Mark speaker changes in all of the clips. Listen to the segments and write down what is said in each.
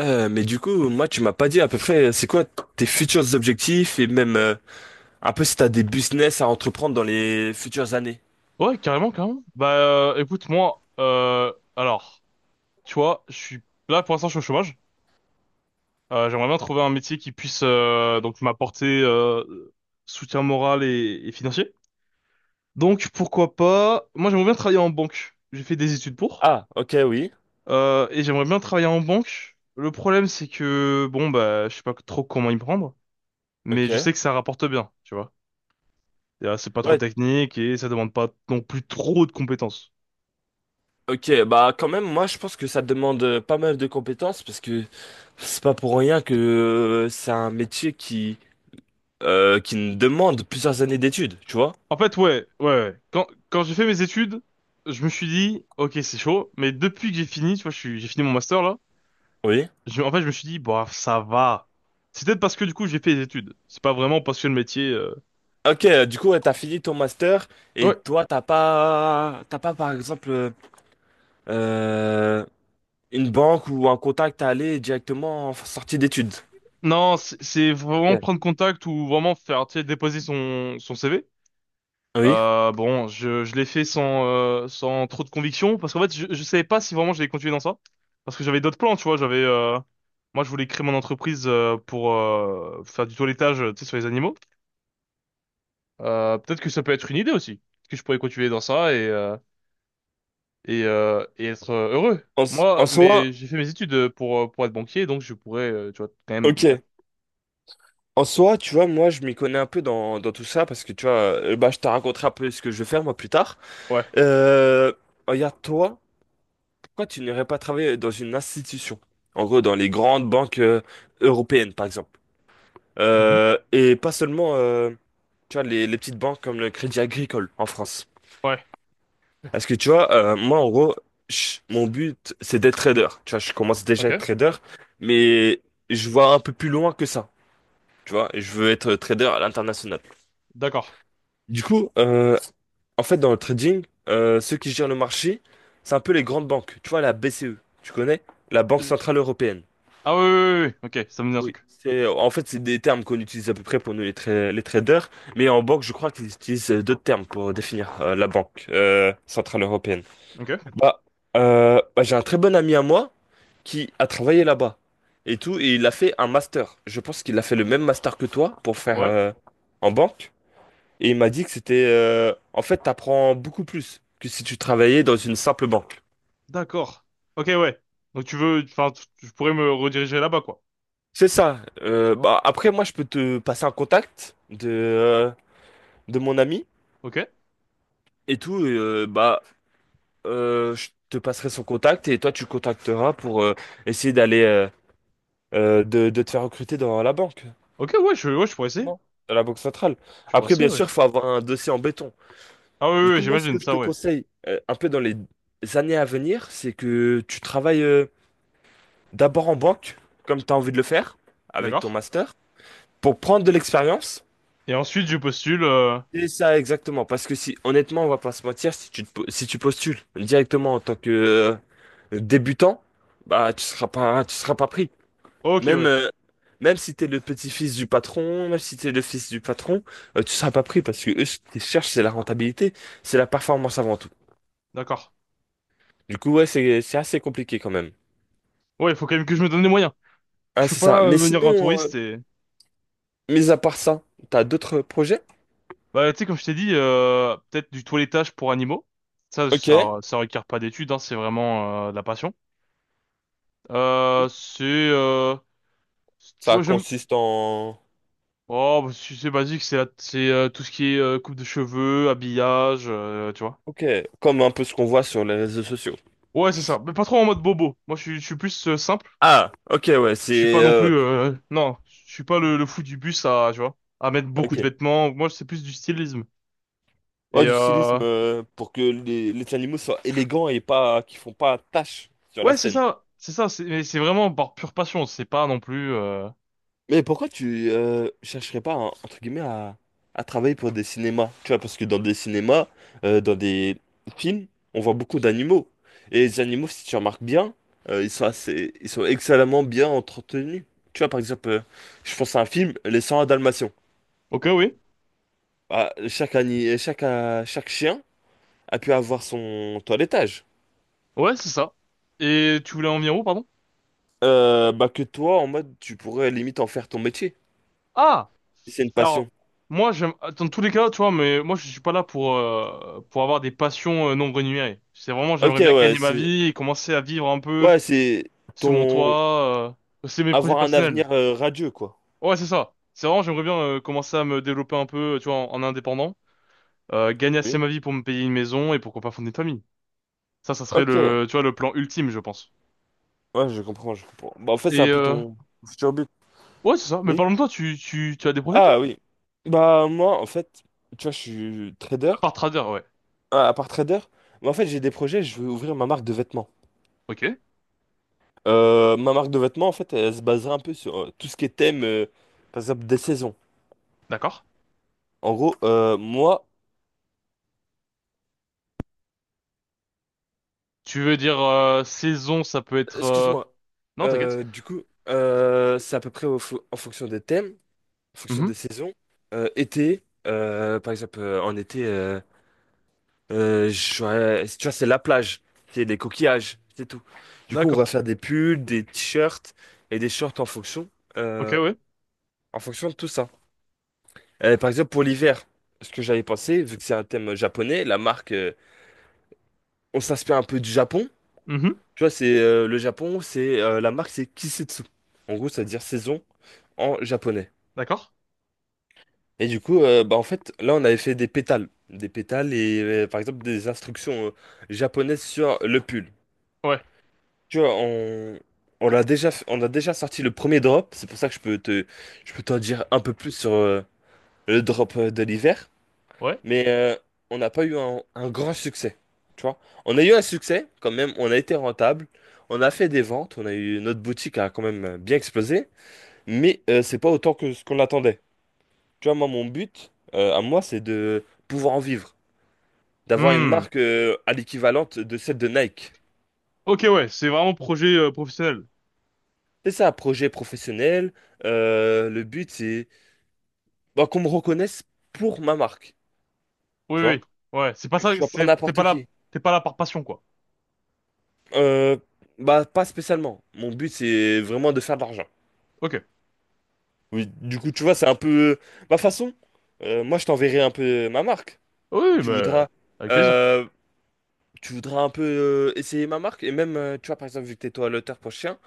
Speaker 1: Mais du coup, moi, tu m'as pas dit à peu près, c'est quoi tes futurs objectifs et même un peu si t'as des business à entreprendre dans les futures années.
Speaker 2: Ouais, carrément, carrément. Écoute, alors, tu vois, je suis là pour l'instant, je suis au chômage. J'aimerais bien trouver un métier qui puisse donc m'apporter soutien moral et financier. Donc, pourquoi pas? Moi, j'aimerais bien travailler en banque. J'ai fait des études pour,
Speaker 1: Ah, ok, oui.
Speaker 2: et j'aimerais bien travailler en banque. Le problème, c'est que bon, bah, je sais pas trop comment y prendre, mais je
Speaker 1: Ok.
Speaker 2: sais que ça rapporte bien, tu vois. C'est pas trop
Speaker 1: Ouais,
Speaker 2: technique et ça demande pas non plus trop de compétences.
Speaker 1: ok, bah quand même, moi je pense que ça demande pas mal de compétences parce que c'est pas pour rien que c'est un métier qui ne demande plusieurs années d'études, tu vois?
Speaker 2: En fait, ouais, ouais, ouais. Quand j'ai fait mes études, je me suis dit, ok, c'est chaud, mais depuis que j'ai fini, tu vois, j'ai fini mon master là,
Speaker 1: Oui.
Speaker 2: en fait, je me suis dit, bah, ça va. C'est peut-être parce que du coup, j'ai fait des études. C'est pas vraiment parce que le métier.
Speaker 1: Ok, du coup, ouais, t'as fini ton master et
Speaker 2: Ouais.
Speaker 1: toi, t'as pas par exemple, euh, une banque ou un contact à aller directement en sortie d'études.
Speaker 2: Non, c'est vraiment
Speaker 1: Ok.
Speaker 2: prendre contact ou vraiment faire, tu sais, déposer son CV.
Speaker 1: Oui.
Speaker 2: Bon, je l'ai fait sans, sans trop de conviction, parce qu'en fait, je savais pas si vraiment j'allais continuer dans ça. Parce que j'avais d'autres plans, tu vois, moi, je voulais créer mon entreprise pour faire du toilettage, tu sais, sur les animaux. Peut-être que ça peut être une idée aussi, que je pourrais continuer dans ça et être heureux.
Speaker 1: En, s- en
Speaker 2: Moi,
Speaker 1: soi,
Speaker 2: mais j'ai fait mes études pour être banquier, donc je pourrais, tu vois, quand même...
Speaker 1: ok. En soi, tu vois, moi, je m'y connais un peu dans tout ça parce que, tu vois, bah, je te raconterai un peu ce que je vais faire, moi, plus tard.
Speaker 2: Ouais,
Speaker 1: Euh, Regarde, toi, pourquoi tu n'irais pas travailler dans une institution? En gros, dans les grandes banques européennes, par exemple.
Speaker 2: mhm,
Speaker 1: Et pas seulement, tu vois, les petites banques comme le Crédit Agricole en France.
Speaker 2: ouais,
Speaker 1: Parce que tu vois, moi en gros, mon but c'est d'être trader. Tu vois, je commence déjà
Speaker 2: ok,
Speaker 1: à être trader, mais je vois un peu plus loin que ça. Tu vois, et je veux être trader à l'international.
Speaker 2: d'accord.
Speaker 1: Du coup, en fait, dans le trading, ceux qui gèrent le marché, c'est un peu les grandes banques. Tu vois, la BCE, tu connais? La Banque
Speaker 2: Je-
Speaker 1: Centrale Européenne.
Speaker 2: Ah oui, oui, oui, oui, oui. Ok, ça me dit un
Speaker 1: Oui.
Speaker 2: truc.
Speaker 1: C'est, en fait, c'est des termes qu'on utilise à peu près pour nous les, les traders, mais en banque, je crois qu'ils utilisent d'autres termes pour définir la Banque Centrale Européenne.
Speaker 2: Ok,
Speaker 1: Bah, bah, j'ai un très bon ami à moi qui a travaillé là-bas et tout, et il a fait un master. Je pense qu'il a fait le même master que toi pour faire
Speaker 2: ouais.
Speaker 1: en banque. Et il m'a dit que c'était, en fait, t'apprends beaucoup plus que si tu travaillais dans une simple banque.
Speaker 2: D'accord. Ok, ouais. Donc tu veux, enfin, tu pourrais me rediriger là-bas, quoi.
Speaker 1: C'est ça. Bah, après, moi, je peux te passer un contact de mon ami
Speaker 2: Ok.
Speaker 1: et tout. Et, bah, je te passerai son contact et toi, tu le contacteras pour essayer d'aller de te faire recruter dans la banque.
Speaker 2: Ok, ouais, ouais, je pourrais essayer.
Speaker 1: Exactement. Dans la banque centrale.
Speaker 2: Je pourrais
Speaker 1: Après, bien
Speaker 2: essayer, ouais.
Speaker 1: sûr, il faut avoir un dossier en béton.
Speaker 2: Ah oui,
Speaker 1: Du
Speaker 2: oui, oui,
Speaker 1: coup, moi, ce
Speaker 2: j'imagine
Speaker 1: que je
Speaker 2: ça,
Speaker 1: te
Speaker 2: ouais.
Speaker 1: conseille, un peu dans les années à venir, c'est que tu travailles d'abord en banque, comme tu as envie de le faire, avec ton
Speaker 2: D'accord.
Speaker 1: master, pour prendre de l'expérience.
Speaker 2: Et ensuite, je postule.
Speaker 1: Et ça, exactement. Parce que si, honnêtement, on va pas se mentir, si tu postules directement en tant que débutant, bah, tu seras pas pris.
Speaker 2: Ok,
Speaker 1: Même,
Speaker 2: ouais.
Speaker 1: même si tu es le petit-fils du patron, même si tu es le fils du patron, tu seras pas pris parce que eux, ce qu'ils cherchent, c'est la rentabilité, c'est la performance avant tout.
Speaker 2: D'accord.
Speaker 1: Du coup, ouais, c'est assez compliqué quand même.
Speaker 2: Ouais, il faut quand même que je me donne les moyens. Je
Speaker 1: Ah,
Speaker 2: peux
Speaker 1: c'est ça.
Speaker 2: pas
Speaker 1: Mais
Speaker 2: venir en
Speaker 1: sinon,
Speaker 2: touriste et.
Speaker 1: mis à part ça, t'as d'autres projets?
Speaker 2: Bah, tu sais, comme je t'ai dit, peut-être du toilettage pour animaux.
Speaker 1: Ok,
Speaker 2: Ça requiert pas d'études, hein, c'est vraiment de la passion. Euh, c'est, euh, tu
Speaker 1: ça
Speaker 2: vois, j'aime.
Speaker 1: consiste en...
Speaker 2: Oh, bah, c'est basique, c'est tout ce qui est coupe de cheveux, habillage, tu vois.
Speaker 1: Ok, comme un peu ce qu'on voit sur les réseaux sociaux.
Speaker 2: Ouais, c'est ça, mais pas trop en mode bobo. Moi, je suis plus simple.
Speaker 1: Ah, ok, ouais,
Speaker 2: Je suis pas
Speaker 1: c'est...
Speaker 2: non plus, non, je suis pas le fou du bus à, tu vois, à mettre beaucoup de
Speaker 1: ok.
Speaker 2: vêtements. Moi, c'est plus du stylisme. Et
Speaker 1: Ouais, du stylisme
Speaker 2: euh,
Speaker 1: pour que les animaux soient élégants et pas qu'ils font pas tache sur la
Speaker 2: ouais, c'est
Speaker 1: scène.
Speaker 2: ça, c'est ça. C'est mais c'est vraiment par pure passion. C'est pas non plus.
Speaker 1: Mais pourquoi tu chercherais pas, entre guillemets, à travailler pour des cinémas? Tu vois, parce que dans des cinémas, dans des films, on voit beaucoup d'animaux. Et les animaux, si tu remarques bien, ils sont assez, ils sont excellemment bien entretenus. Tu vois, par exemple, je pense à un film, Les 101 Dalmatiens.
Speaker 2: Ok, oui.
Speaker 1: Ah, chaque chien a pu avoir son toilettage.
Speaker 2: Ouais, c'est ça. Et tu voulais en venir où, pardon?
Speaker 1: Bah que toi, en mode, tu pourrais limite en faire ton métier.
Speaker 2: Ah!
Speaker 1: C'est une passion.
Speaker 2: Alors, moi, j'aime, dans tous les cas, tu vois, mais moi, je suis pas là pour avoir des passions non rémunérées. C'est vraiment,
Speaker 1: Ok,
Speaker 2: j'aimerais bien
Speaker 1: ouais,
Speaker 2: gagner ma
Speaker 1: c'est...
Speaker 2: vie et commencer à vivre un peu
Speaker 1: Ouais, c'est
Speaker 2: sous mon
Speaker 1: ton...
Speaker 2: toit. C'est mes projets
Speaker 1: avoir un
Speaker 2: personnels.
Speaker 1: avenir radieux, quoi.
Speaker 2: Ouais, c'est ça. C'est vraiment, j'aimerais bien commencer à me développer un peu, tu vois, en indépendant, gagner assez
Speaker 1: Oui.
Speaker 2: ma vie pour me payer une maison et pourquoi pas fonder une famille. Ça serait
Speaker 1: Ok.
Speaker 2: le, tu vois, le plan ultime, je pense.
Speaker 1: Ouais, je comprends, je comprends. Bah, en fait, c'est
Speaker 2: Et,
Speaker 1: un peu
Speaker 2: euh,
Speaker 1: ton futur but.
Speaker 2: ouais, c'est ça. Mais
Speaker 1: Oui.
Speaker 2: parlons de toi, tu as des projets,
Speaker 1: Ah
Speaker 2: toi?
Speaker 1: oui. Bah, moi, en fait, tu vois, je suis trader.
Speaker 2: À part trader, ouais.
Speaker 1: Ah, à part trader, mais en fait, j'ai des projets, je veux ouvrir ma marque de vêtements.
Speaker 2: Ok,
Speaker 1: Ma marque de vêtements, en fait, elle se basera un peu sur tout ce qui est thème, par exemple, des saisons.
Speaker 2: d'accord.
Speaker 1: En gros, moi,
Speaker 2: Tu veux dire, saison, ça peut être,
Speaker 1: excuse-moi.
Speaker 2: non, t'inquiète.
Speaker 1: Euh, du coup, c'est à peu près en fonction des thèmes, en fonction
Speaker 2: Mhm.
Speaker 1: des saisons. En été. Tu vois, c'est la plage, c'est des coquillages, c'est tout. Du coup, on
Speaker 2: D'accord.
Speaker 1: va faire des pulls, des t-shirts et des shorts
Speaker 2: Ok,
Speaker 1: euh,
Speaker 2: ouais.
Speaker 1: en fonction de tout ça. Par exemple, pour l'hiver, ce que j'avais pensé, vu que c'est un thème japonais, la marque, on s'inspire un peu du Japon.
Speaker 2: Mhm.
Speaker 1: Tu vois, c'est le Japon, c'est la marque, c'est Kisetsu. En gros, ça veut dire saison en japonais.
Speaker 2: D'accord.
Speaker 1: Et du coup, bah, en fait, là, on avait fait des pétales et par exemple des instructions japonaises sur le pull.
Speaker 2: Ouais.
Speaker 1: Tu vois, on l'a déjà, on a déjà sorti le premier drop. C'est pour ça que je peux t'en dire un peu plus sur le drop de l'hiver.
Speaker 2: Ouais.
Speaker 1: Mais on n'a pas eu un grand succès. Tu vois, on a eu un succès quand même. On a été rentable. On a fait des ventes. On a eu notre boutique a quand même bien explosé. Mais c'est pas autant que ce qu'on attendait. Tu vois, moi, mon but à moi, c'est de pouvoir en vivre, d'avoir une
Speaker 2: Hmm.
Speaker 1: marque à l'équivalente de celle de Nike.
Speaker 2: Ok, ouais. C'est vraiment projet professionnel.
Speaker 1: C'est ça, projet professionnel. Le but, c'est bah, qu'on me reconnaisse pour ma marque,
Speaker 2: Oui,
Speaker 1: tu
Speaker 2: oui.
Speaker 1: vois?
Speaker 2: Ouais. C'est pas
Speaker 1: Que
Speaker 2: ça.
Speaker 1: je sois pas
Speaker 2: C'est t'es pas
Speaker 1: n'importe
Speaker 2: là.
Speaker 1: qui.
Speaker 2: T'es pas là par passion, quoi.
Speaker 1: Euh, Bah, pas spécialement. Mon but, c'est vraiment de faire de l'argent.
Speaker 2: Ok.
Speaker 1: Oui, du coup, tu vois, c'est un peu ma façon. Moi, je t'enverrai un peu ma marque. Et
Speaker 2: Oui,
Speaker 1: tu
Speaker 2: mais
Speaker 1: voudras,
Speaker 2: avec plaisir.
Speaker 1: euh, tu voudras un peu essayer ma marque. Et même, tu vois, par exemple, vu que t'es toi l'auteur pour chien,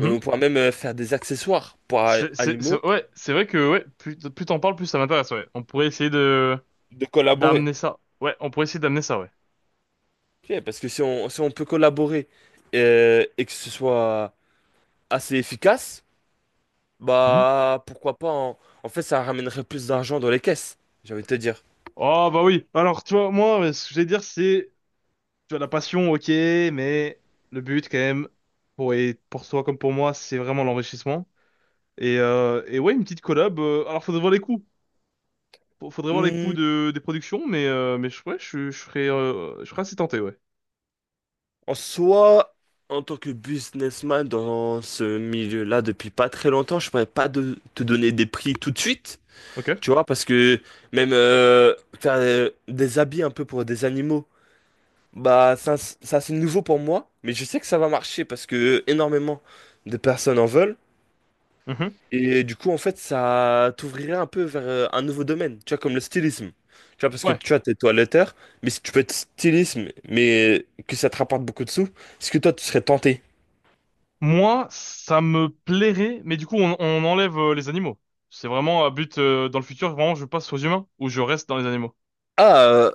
Speaker 1: on pourra même faire des accessoires pour animaux,
Speaker 2: Ouais. C'est vrai que ouais. Plus, plus t'en parles, plus ça m'intéresse. Ouais. On pourrait essayer de
Speaker 1: de collaborer.
Speaker 2: d'amener ça. Ouais. On pourrait essayer d'amener ça. Ouais.
Speaker 1: Ok, parce que si on peut collaborer et que ce soit assez efficace,
Speaker 2: Mhm.
Speaker 1: bah, pourquoi pas. En fait, ça ramènerait plus d'argent dans les caisses, j'ai envie de te dire.
Speaker 2: Oh bah oui. Alors, tu vois, moi, ce que je vais dire, c'est, tu vois, la passion, ok, mais le but, quand même, pour, et pour toi comme pour moi, c'est vraiment l'enrichissement. Et ouais, une petite collab. Alors, faudrait voir les coûts. Faudrait voir les coûts
Speaker 1: Hmm,
Speaker 2: de, des productions, mais ouais, je serais assez tenté, ouais.
Speaker 1: en soi, en tant que businessman dans ce milieu-là depuis pas très longtemps, je pourrais pas de- te donner des prix tout de suite,
Speaker 2: Ok.
Speaker 1: tu vois, parce que même faire des habits un peu pour des animaux, bah, ça c'est nouveau pour moi, mais je sais que ça va marcher parce que énormément de personnes en veulent.
Speaker 2: Mhm.
Speaker 1: Et du coup, en fait, ça t'ouvrirait un peu vers un nouveau domaine, tu vois, comme le stylisme. Tu vois, parce que
Speaker 2: Ouais.
Speaker 1: tu vois, t'es toiletteur, mais si tu peux être stylisme, mais que ça te rapporte beaucoup de sous, est-ce que toi, tu serais tenté?
Speaker 2: Moi, ça me plairait, mais du coup, on enlève les animaux. C'est vraiment à but, dans le futur, vraiment, je passe aux humains ou je reste dans les animaux.
Speaker 1: Ah, euh,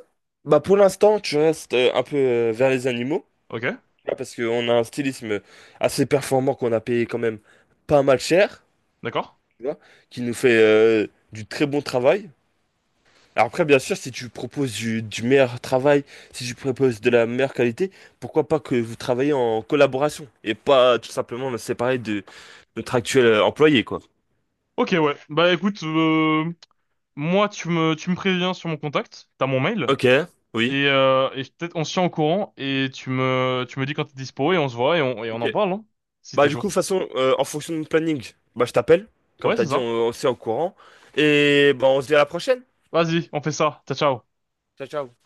Speaker 1: Bah pour l'instant, tu restes un peu vers les animaux,
Speaker 2: Ok?
Speaker 1: tu vois, parce qu'on a un stylisme assez performant qu'on a payé quand même pas mal cher,
Speaker 2: D'accord?
Speaker 1: tu vois, qui nous fait du très bon travail. Alors après, bien sûr, si tu proposes du meilleur travail, si tu proposes de la meilleure qualité, pourquoi pas que vous travaillez en collaboration et pas tout simplement me séparer de notre actuel employé, quoi.
Speaker 2: Ok, ouais. Bah écoute, moi, tu me préviens sur mon contact, t'as mon mail,
Speaker 1: Ok, oui.
Speaker 2: et peut-être on se tient au courant, et tu me dis quand t'es dispo, et on se voit, et on
Speaker 1: Ok.
Speaker 2: en parle, hein, si
Speaker 1: Bah
Speaker 2: t'es
Speaker 1: du
Speaker 2: chaud.
Speaker 1: coup, de toute façon, en fonction de mon planning, bah je t'appelle, comme
Speaker 2: Ouais,
Speaker 1: t'as
Speaker 2: c'est
Speaker 1: dit,
Speaker 2: ça.
Speaker 1: on s'est au courant. Et bah on se dit à la prochaine.
Speaker 2: Vas-y, on fait ça. Ciao, ciao.
Speaker 1: Ciao, ciao.